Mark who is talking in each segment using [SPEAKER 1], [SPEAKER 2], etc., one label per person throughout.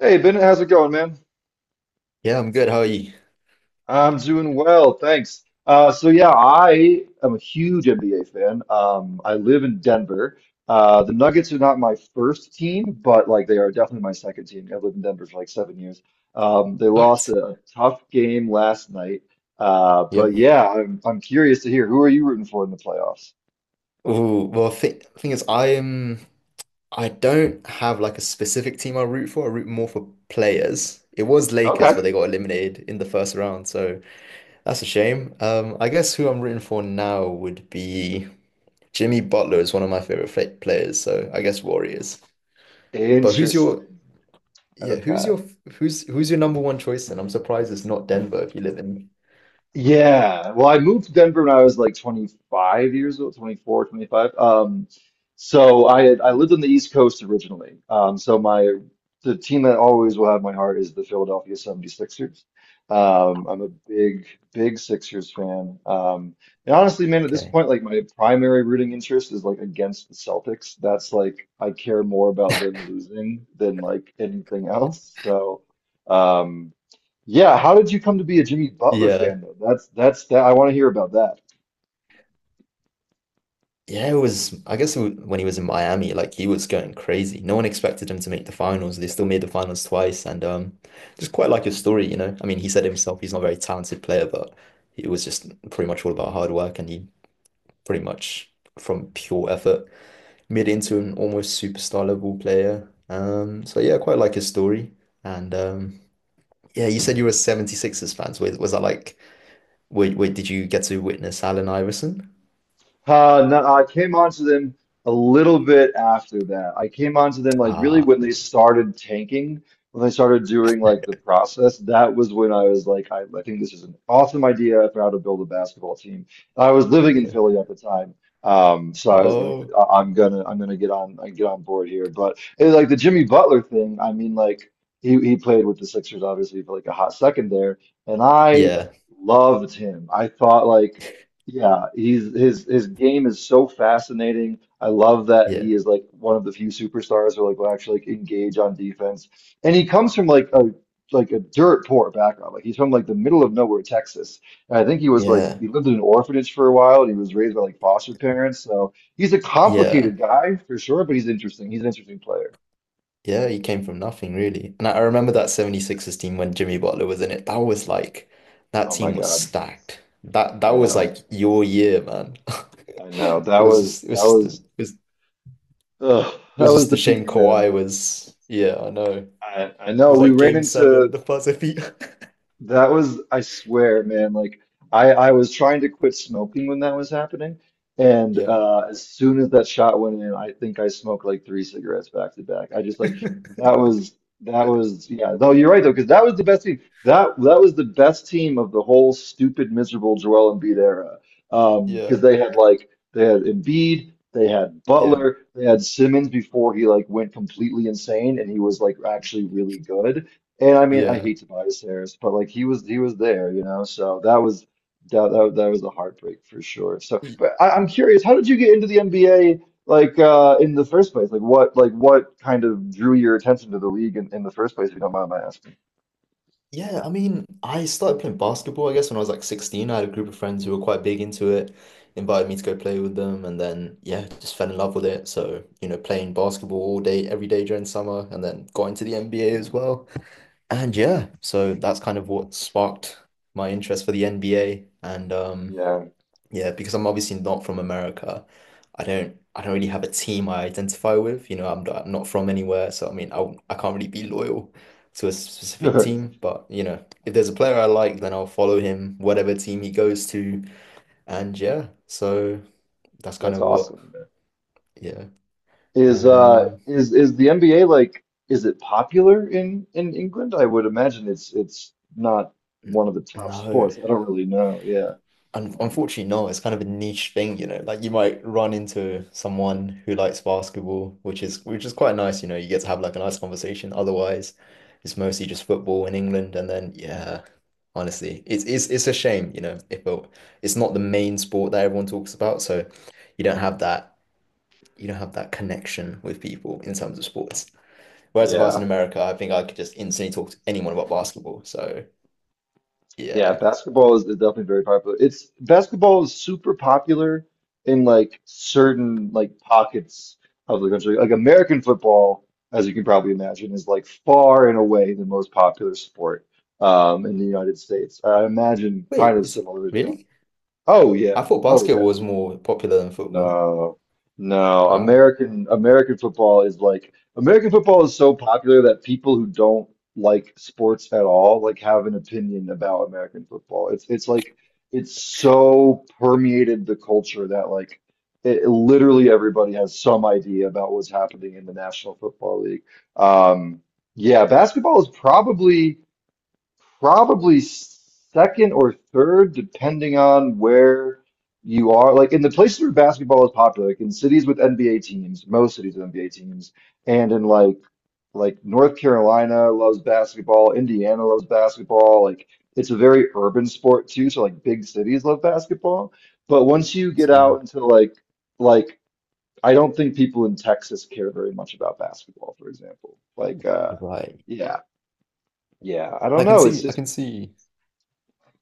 [SPEAKER 1] Hey Bennett, how's it going, man?
[SPEAKER 2] Yeah, I'm good. How are you?
[SPEAKER 1] I'm doing well, thanks. Yeah, I am a huge NBA fan. I live in Denver. The Nuggets are not my first team, but like they are definitely my second team. I've lived in Denver for like 7 years. They lost
[SPEAKER 2] What?
[SPEAKER 1] a tough game last night.
[SPEAKER 2] Yeah.
[SPEAKER 1] But yeah, I'm curious to hear, who are you rooting for in the playoffs?
[SPEAKER 2] Oh, well, th thing is, I am. I don't have like a specific team I root for. I root more for players. It was Lakers,
[SPEAKER 1] Okay.
[SPEAKER 2] but they got eliminated in the first round, so that's a shame. I guess who I'm rooting for now would be Jimmy Butler is one of my favorite players, so I guess Warriors. But who's your,
[SPEAKER 1] Interesting.
[SPEAKER 2] yeah? Who's
[SPEAKER 1] Okay.
[SPEAKER 2] your number one choice? And I'm surprised it's not Denver if you live in.
[SPEAKER 1] Yeah. Well, I moved to Denver when I was like 25 years old, 24, 25. So I lived on the East Coast originally. So my the team that always will have my heart is the Philadelphia 76ers. I'm a big, big Sixers fan. And honestly, man, at this
[SPEAKER 2] Okay.
[SPEAKER 1] point, like my primary rooting interest is like against the Celtics. That's like I care more about them losing than like anything else. So, um. Yeah, how did you come to be a Jimmy Butler
[SPEAKER 2] Yeah.
[SPEAKER 1] fan though? That's that I want to hear about that.
[SPEAKER 2] Yeah, it was, I guess when he was in Miami, like he was going crazy. No one expected him to make the finals. They still made the finals twice. And just quite like his story. I mean, he said himself he's not a very talented player, but it was just pretty much all about hard work. And he pretty much, from pure effort, made it into an almost superstar level player. So yeah, quite like his story. And yeah, you said you were Seventy Sixers fans. Was that like, wait, wait, did you get to witness Allen Iverson?
[SPEAKER 1] No, I came onto them a little bit after that. I came onto them like really
[SPEAKER 2] Ah,
[SPEAKER 1] when they started tanking, when they started doing like the process. That was when I was like, I think this is an awesome idea for how to build a basketball team. I was living in
[SPEAKER 2] yeah.
[SPEAKER 1] Philly at the time, so I was like,
[SPEAKER 2] Oh,
[SPEAKER 1] I'm gonna get on, I get on board here. But it, was like the Jimmy Butler thing, I mean, like he played with the Sixers obviously for like a hot second there, and I
[SPEAKER 2] yeah.
[SPEAKER 1] loved him. I thought like. Yeah, he's his game is so fascinating. I love that
[SPEAKER 2] Yeah.
[SPEAKER 1] he is like one of the few superstars who like will actually like engage on defense. And he comes from like a dirt poor background. Like he's from like the middle of nowhere, Texas. And I think he was like
[SPEAKER 2] Yeah,
[SPEAKER 1] he lived in an orphanage for a while and he was raised by like foster parents. So he's a
[SPEAKER 2] yeah,
[SPEAKER 1] complicated guy for sure, but he's interesting. He's an interesting player.
[SPEAKER 2] yeah. He came from nothing really, and I remember that 76ers team when Jimmy Butler was in it. That was like that
[SPEAKER 1] Oh my
[SPEAKER 2] team was
[SPEAKER 1] God.
[SPEAKER 2] stacked. That
[SPEAKER 1] I
[SPEAKER 2] was
[SPEAKER 1] know.
[SPEAKER 2] like your year, man.
[SPEAKER 1] I know.
[SPEAKER 2] It was just it was
[SPEAKER 1] That
[SPEAKER 2] just
[SPEAKER 1] was ugh, that was
[SPEAKER 2] a
[SPEAKER 1] the
[SPEAKER 2] shame
[SPEAKER 1] peak, man.
[SPEAKER 2] Kawhi was. Yeah, I know. It
[SPEAKER 1] I know
[SPEAKER 2] was
[SPEAKER 1] we
[SPEAKER 2] like
[SPEAKER 1] ran
[SPEAKER 2] game seven,
[SPEAKER 1] into
[SPEAKER 2] the buzzer beat.
[SPEAKER 1] I swear, man, like I was trying to quit smoking when that was happening. And
[SPEAKER 2] Yeah,
[SPEAKER 1] as soon as that shot went in, I think I smoked like 3 cigarettes back to back. I just like that was that was yeah, though you're right though, because that was the best team. That was the best team of the whole stupid, miserable Joel Embiid era. Because
[SPEAKER 2] yeah,
[SPEAKER 1] they had they had Embiid, they had
[SPEAKER 2] yeah,
[SPEAKER 1] Butler, they had Simmons before he like went completely insane and he was like actually really good. And I mean, I hate Tobias Harris, but like he was there, you know. So that was that was a heartbreak for sure. So,
[SPEAKER 2] yeah.
[SPEAKER 1] but I'm curious, how did you get into the NBA like in the first place? Like what kind of drew your attention to the league in the first place, if you don't mind my asking?
[SPEAKER 2] Yeah, I mean, I started playing basketball, I guess, when I was like 16. I had a group of friends who were quite big into it, invited me to go play with them, and then, yeah, just fell in love with it. So, you know, playing basketball all day, every day during summer, and then got into the NBA as well. And yeah, so that's kind of what sparked my interest for the NBA. And
[SPEAKER 1] Yeah,
[SPEAKER 2] yeah, because I'm obviously not from America. I don't really have a team I identify with. You know, I'm not from anywhere, so I mean, I can't really be loyal to a specific
[SPEAKER 1] sure.
[SPEAKER 2] team, but you know, if there's a player I like, then I'll follow him whatever team he goes to. And yeah, so that's kind
[SPEAKER 1] That's
[SPEAKER 2] of what
[SPEAKER 1] awesome.
[SPEAKER 2] yeah.
[SPEAKER 1] Is
[SPEAKER 2] And
[SPEAKER 1] is the NBA like, is it popular in England? I would imagine it's not one of the top
[SPEAKER 2] no.
[SPEAKER 1] sports. I don't really know. Yeah.
[SPEAKER 2] Un unfortunately, no. It's kind of a niche thing. Like you might run into someone who likes basketball, which is quite nice, you know. You get to have like a nice conversation. Otherwise, it's mostly just football in England. And then, yeah, honestly, it's a shame. If it, it's not the main sport that everyone talks about, so you don't have that you don't have that connection with people in terms of sports. Whereas if I was in
[SPEAKER 1] Yeah.
[SPEAKER 2] America, I think I could just instantly talk to anyone about basketball. So
[SPEAKER 1] Yeah,
[SPEAKER 2] yeah.
[SPEAKER 1] basketball is definitely very popular. It's Basketball is super popular in like certain like pockets of the country. Like American football, as you can probably imagine, is like far and away the most popular sport in the United States. I imagine kind
[SPEAKER 2] Wait,
[SPEAKER 1] of
[SPEAKER 2] it's
[SPEAKER 1] similar to,
[SPEAKER 2] really?
[SPEAKER 1] oh
[SPEAKER 2] I
[SPEAKER 1] yeah,
[SPEAKER 2] thought
[SPEAKER 1] oh yeah.
[SPEAKER 2] basketball was more popular than football.
[SPEAKER 1] No, no.
[SPEAKER 2] Wow.
[SPEAKER 1] American football is like American football is so popular that people who don't like sports at all like have an opinion about American football. It's like it's so permeated the culture that like it, literally everybody has some idea about what's happening in the National Football League. Um, yeah, basketball is probably second or third, depending on where you are. Like in the places where basketball is popular, like in cities with NBA teams, most cities with NBA teams, and in like North Carolina loves basketball, Indiana loves basketball. Like it's a very urban sport too, so like big cities love basketball. But once you get
[SPEAKER 2] See,
[SPEAKER 1] out into like like I don't think people in Texas care very much about basketball, for example. Like
[SPEAKER 2] you're right.
[SPEAKER 1] yeah. Yeah, I don't
[SPEAKER 2] I can
[SPEAKER 1] know. It's
[SPEAKER 2] see, I
[SPEAKER 1] just
[SPEAKER 2] can see.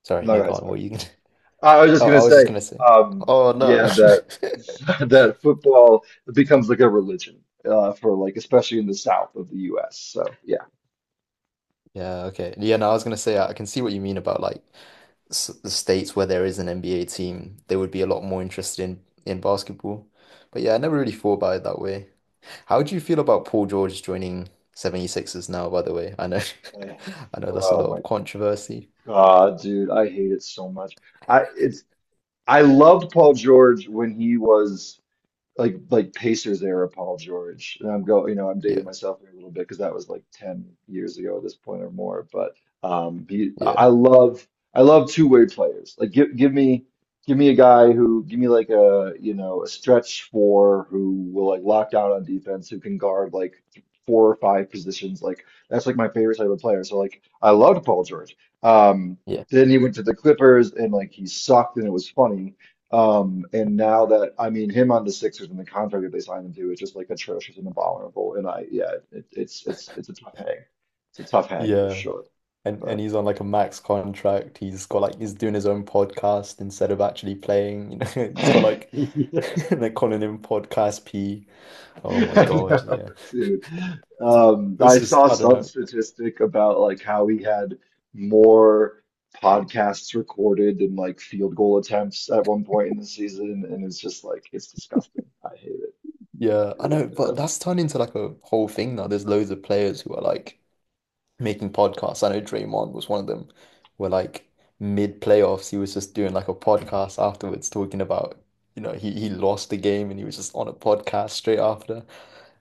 [SPEAKER 2] Sorry,
[SPEAKER 1] no, go
[SPEAKER 2] no, go
[SPEAKER 1] ahead,
[SPEAKER 2] on.
[SPEAKER 1] sorry.
[SPEAKER 2] What are you gonna?
[SPEAKER 1] I was just
[SPEAKER 2] Oh,
[SPEAKER 1] gonna
[SPEAKER 2] I was just
[SPEAKER 1] say,
[SPEAKER 2] gonna say.
[SPEAKER 1] um,
[SPEAKER 2] Oh no, no.
[SPEAKER 1] yeah, that that football becomes like a religion for like especially in the south of the U.S. So yeah.
[SPEAKER 2] Yeah, okay. Yeah, no, I was gonna say I can see what you mean about like s the states where there is an NBA team, they would be a lot more interested in basketball. But yeah, I never really thought about it that way. How do you feel about Paul George joining 76ers now, by the way? I know
[SPEAKER 1] Eh,
[SPEAKER 2] I know that's a
[SPEAKER 1] oh
[SPEAKER 2] lot
[SPEAKER 1] my
[SPEAKER 2] of controversy.
[SPEAKER 1] God, dude, I hate it so much. I it's I loved Paul George when he was. Like Pacers era Paul George. And I'm go, you know, I'm dating
[SPEAKER 2] Yeah,
[SPEAKER 1] myself here a little bit because that was like 10 years ago at this point or more. But he, I
[SPEAKER 2] yeah,
[SPEAKER 1] I love two-way players. Like give me a guy who give me like a, you know, a stretch four who will like lock down on defense who can guard like 4 or 5 positions. Like that's like my favorite type of player. So like I loved Paul George. Um,
[SPEAKER 2] yeah.
[SPEAKER 1] then he went to the Clippers and like he sucked and it was funny. And now that I mean him on the Sixers and the contract that they signed him to is just like atrocious and abominable. And I yeah, it, it's it's a tough hang. It's a tough hang for
[SPEAKER 2] Yeah.
[SPEAKER 1] sure.
[SPEAKER 2] And
[SPEAKER 1] But
[SPEAKER 2] he's on like a max contract. He's got like he's doing his own podcast instead of actually playing. You know, he's got like
[SPEAKER 1] yeah,
[SPEAKER 2] they're calling him Podcast P. Oh my
[SPEAKER 1] I
[SPEAKER 2] God,
[SPEAKER 1] know,
[SPEAKER 2] yeah.
[SPEAKER 1] dude.
[SPEAKER 2] It was
[SPEAKER 1] I
[SPEAKER 2] just
[SPEAKER 1] saw
[SPEAKER 2] I don't
[SPEAKER 1] some
[SPEAKER 2] know.
[SPEAKER 1] statistic about like how he had more podcasts recorded than like field goal attempts at one point in the season, and it's just like it's disgusting. I hate it
[SPEAKER 2] Yeah, I
[SPEAKER 1] really
[SPEAKER 2] know, but
[SPEAKER 1] bad.
[SPEAKER 2] that's turned into like a whole thing now. There's loads of players who are like making podcasts. I know Draymond was one of them, where like mid playoffs, he was just doing like a podcast afterwards, talking about, he lost the game and he was just on a podcast straight after.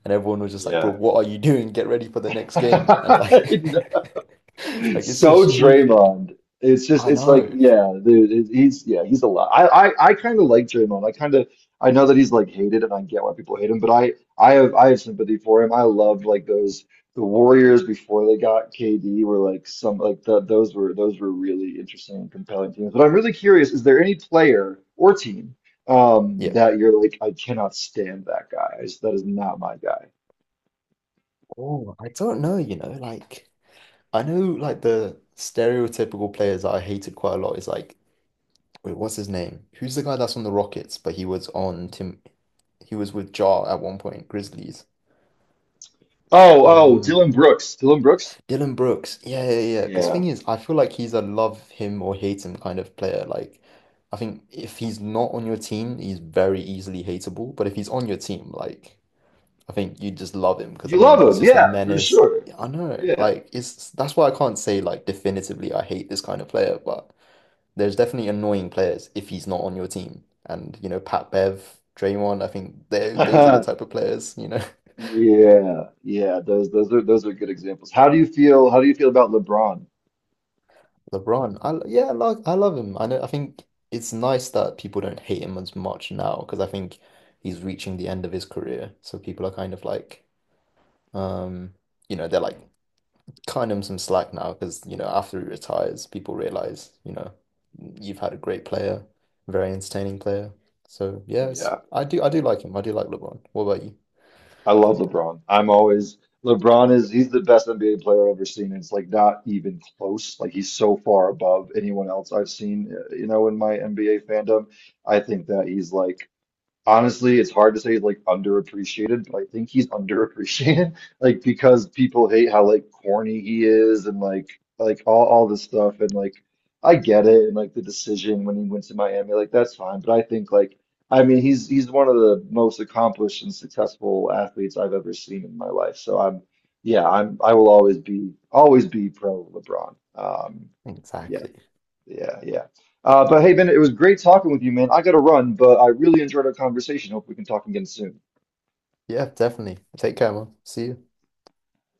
[SPEAKER 2] And everyone was just like, bro,
[SPEAKER 1] Yeah.
[SPEAKER 2] what are you doing? Get ready for the next game. And like, like
[SPEAKER 1] It's
[SPEAKER 2] it's
[SPEAKER 1] so
[SPEAKER 2] just stupid.
[SPEAKER 1] Draymond. It's just
[SPEAKER 2] I
[SPEAKER 1] it's like
[SPEAKER 2] know.
[SPEAKER 1] yeah, the, he's yeah he's a lot. I kind of like Draymond. I kind of I know that he's like hated, and I get why people hate him. But I have sympathy for him. I loved like those the Warriors before they got KD were like some like the, those were really interesting and compelling teams. But I'm really curious, is there any player or team
[SPEAKER 2] Yeah.
[SPEAKER 1] that you're like I cannot stand that guy. I just, that is not my guy.
[SPEAKER 2] Oh, I don't know, you know, like I know like the stereotypical players that I hated quite a lot is like, wait, what's his name? Who's the guy that's on the Rockets, but he was with Jar at one point, Grizzlies.
[SPEAKER 1] Oh
[SPEAKER 2] Um,
[SPEAKER 1] Dylan Brooks. Dylan Brooks.
[SPEAKER 2] Dylan Brooks. Yeah, yeah, yeah. Because
[SPEAKER 1] Yeah.
[SPEAKER 2] thing is, I feel like he's a love him or hate him kind of player. Like, I think if he's not on your team, he's very easily hateable. But if he's on your team, like, I think you just love him because I
[SPEAKER 1] You love
[SPEAKER 2] mean, he's
[SPEAKER 1] them,
[SPEAKER 2] just a
[SPEAKER 1] yeah, for
[SPEAKER 2] menace.
[SPEAKER 1] sure.
[SPEAKER 2] I know.
[SPEAKER 1] Yeah.
[SPEAKER 2] Like, it's that's why I can't say like definitively I hate this kind of player. But there's definitely annoying players if he's not on your team. And you know, Pat Bev, Draymond. I think they those are the type of players. You know.
[SPEAKER 1] Yeah, yeah, those those are good examples. How do you feel about LeBron?
[SPEAKER 2] LeBron, I love him. I think it's nice that people don't hate him as much now because I think he's reaching the end of his career. So people are kind of like, um, they're like cutting him some slack now because after he retires, people realize you've had a great player, very entertaining player. So yes,
[SPEAKER 1] Yeah,
[SPEAKER 2] I do like him. I do like LeBron. What about you?
[SPEAKER 1] I love LeBron. I'm always LeBron is he's the best NBA player I've ever seen. It's like not even close. Like he's so far above anyone else I've seen, you know, in my NBA fandom. I think that he's like, honestly, it's hard to say like underappreciated, but I think he's underappreciated, like because people hate how like corny he is and like all this stuff and like I get it and like the decision when he went to Miami, like that's fine, but I think like I mean he's one of the most accomplished and successful athletes I've ever seen in my life. So I'm yeah, I'm I will always be pro LeBron. Um, yeah.
[SPEAKER 2] Exactly.
[SPEAKER 1] Yeah, yeah. But hey, Ben, it was great talking with you, man. I gotta run, but I really enjoyed our conversation. Hope we can talk again soon.
[SPEAKER 2] Yeah, definitely. Take care, man. See you.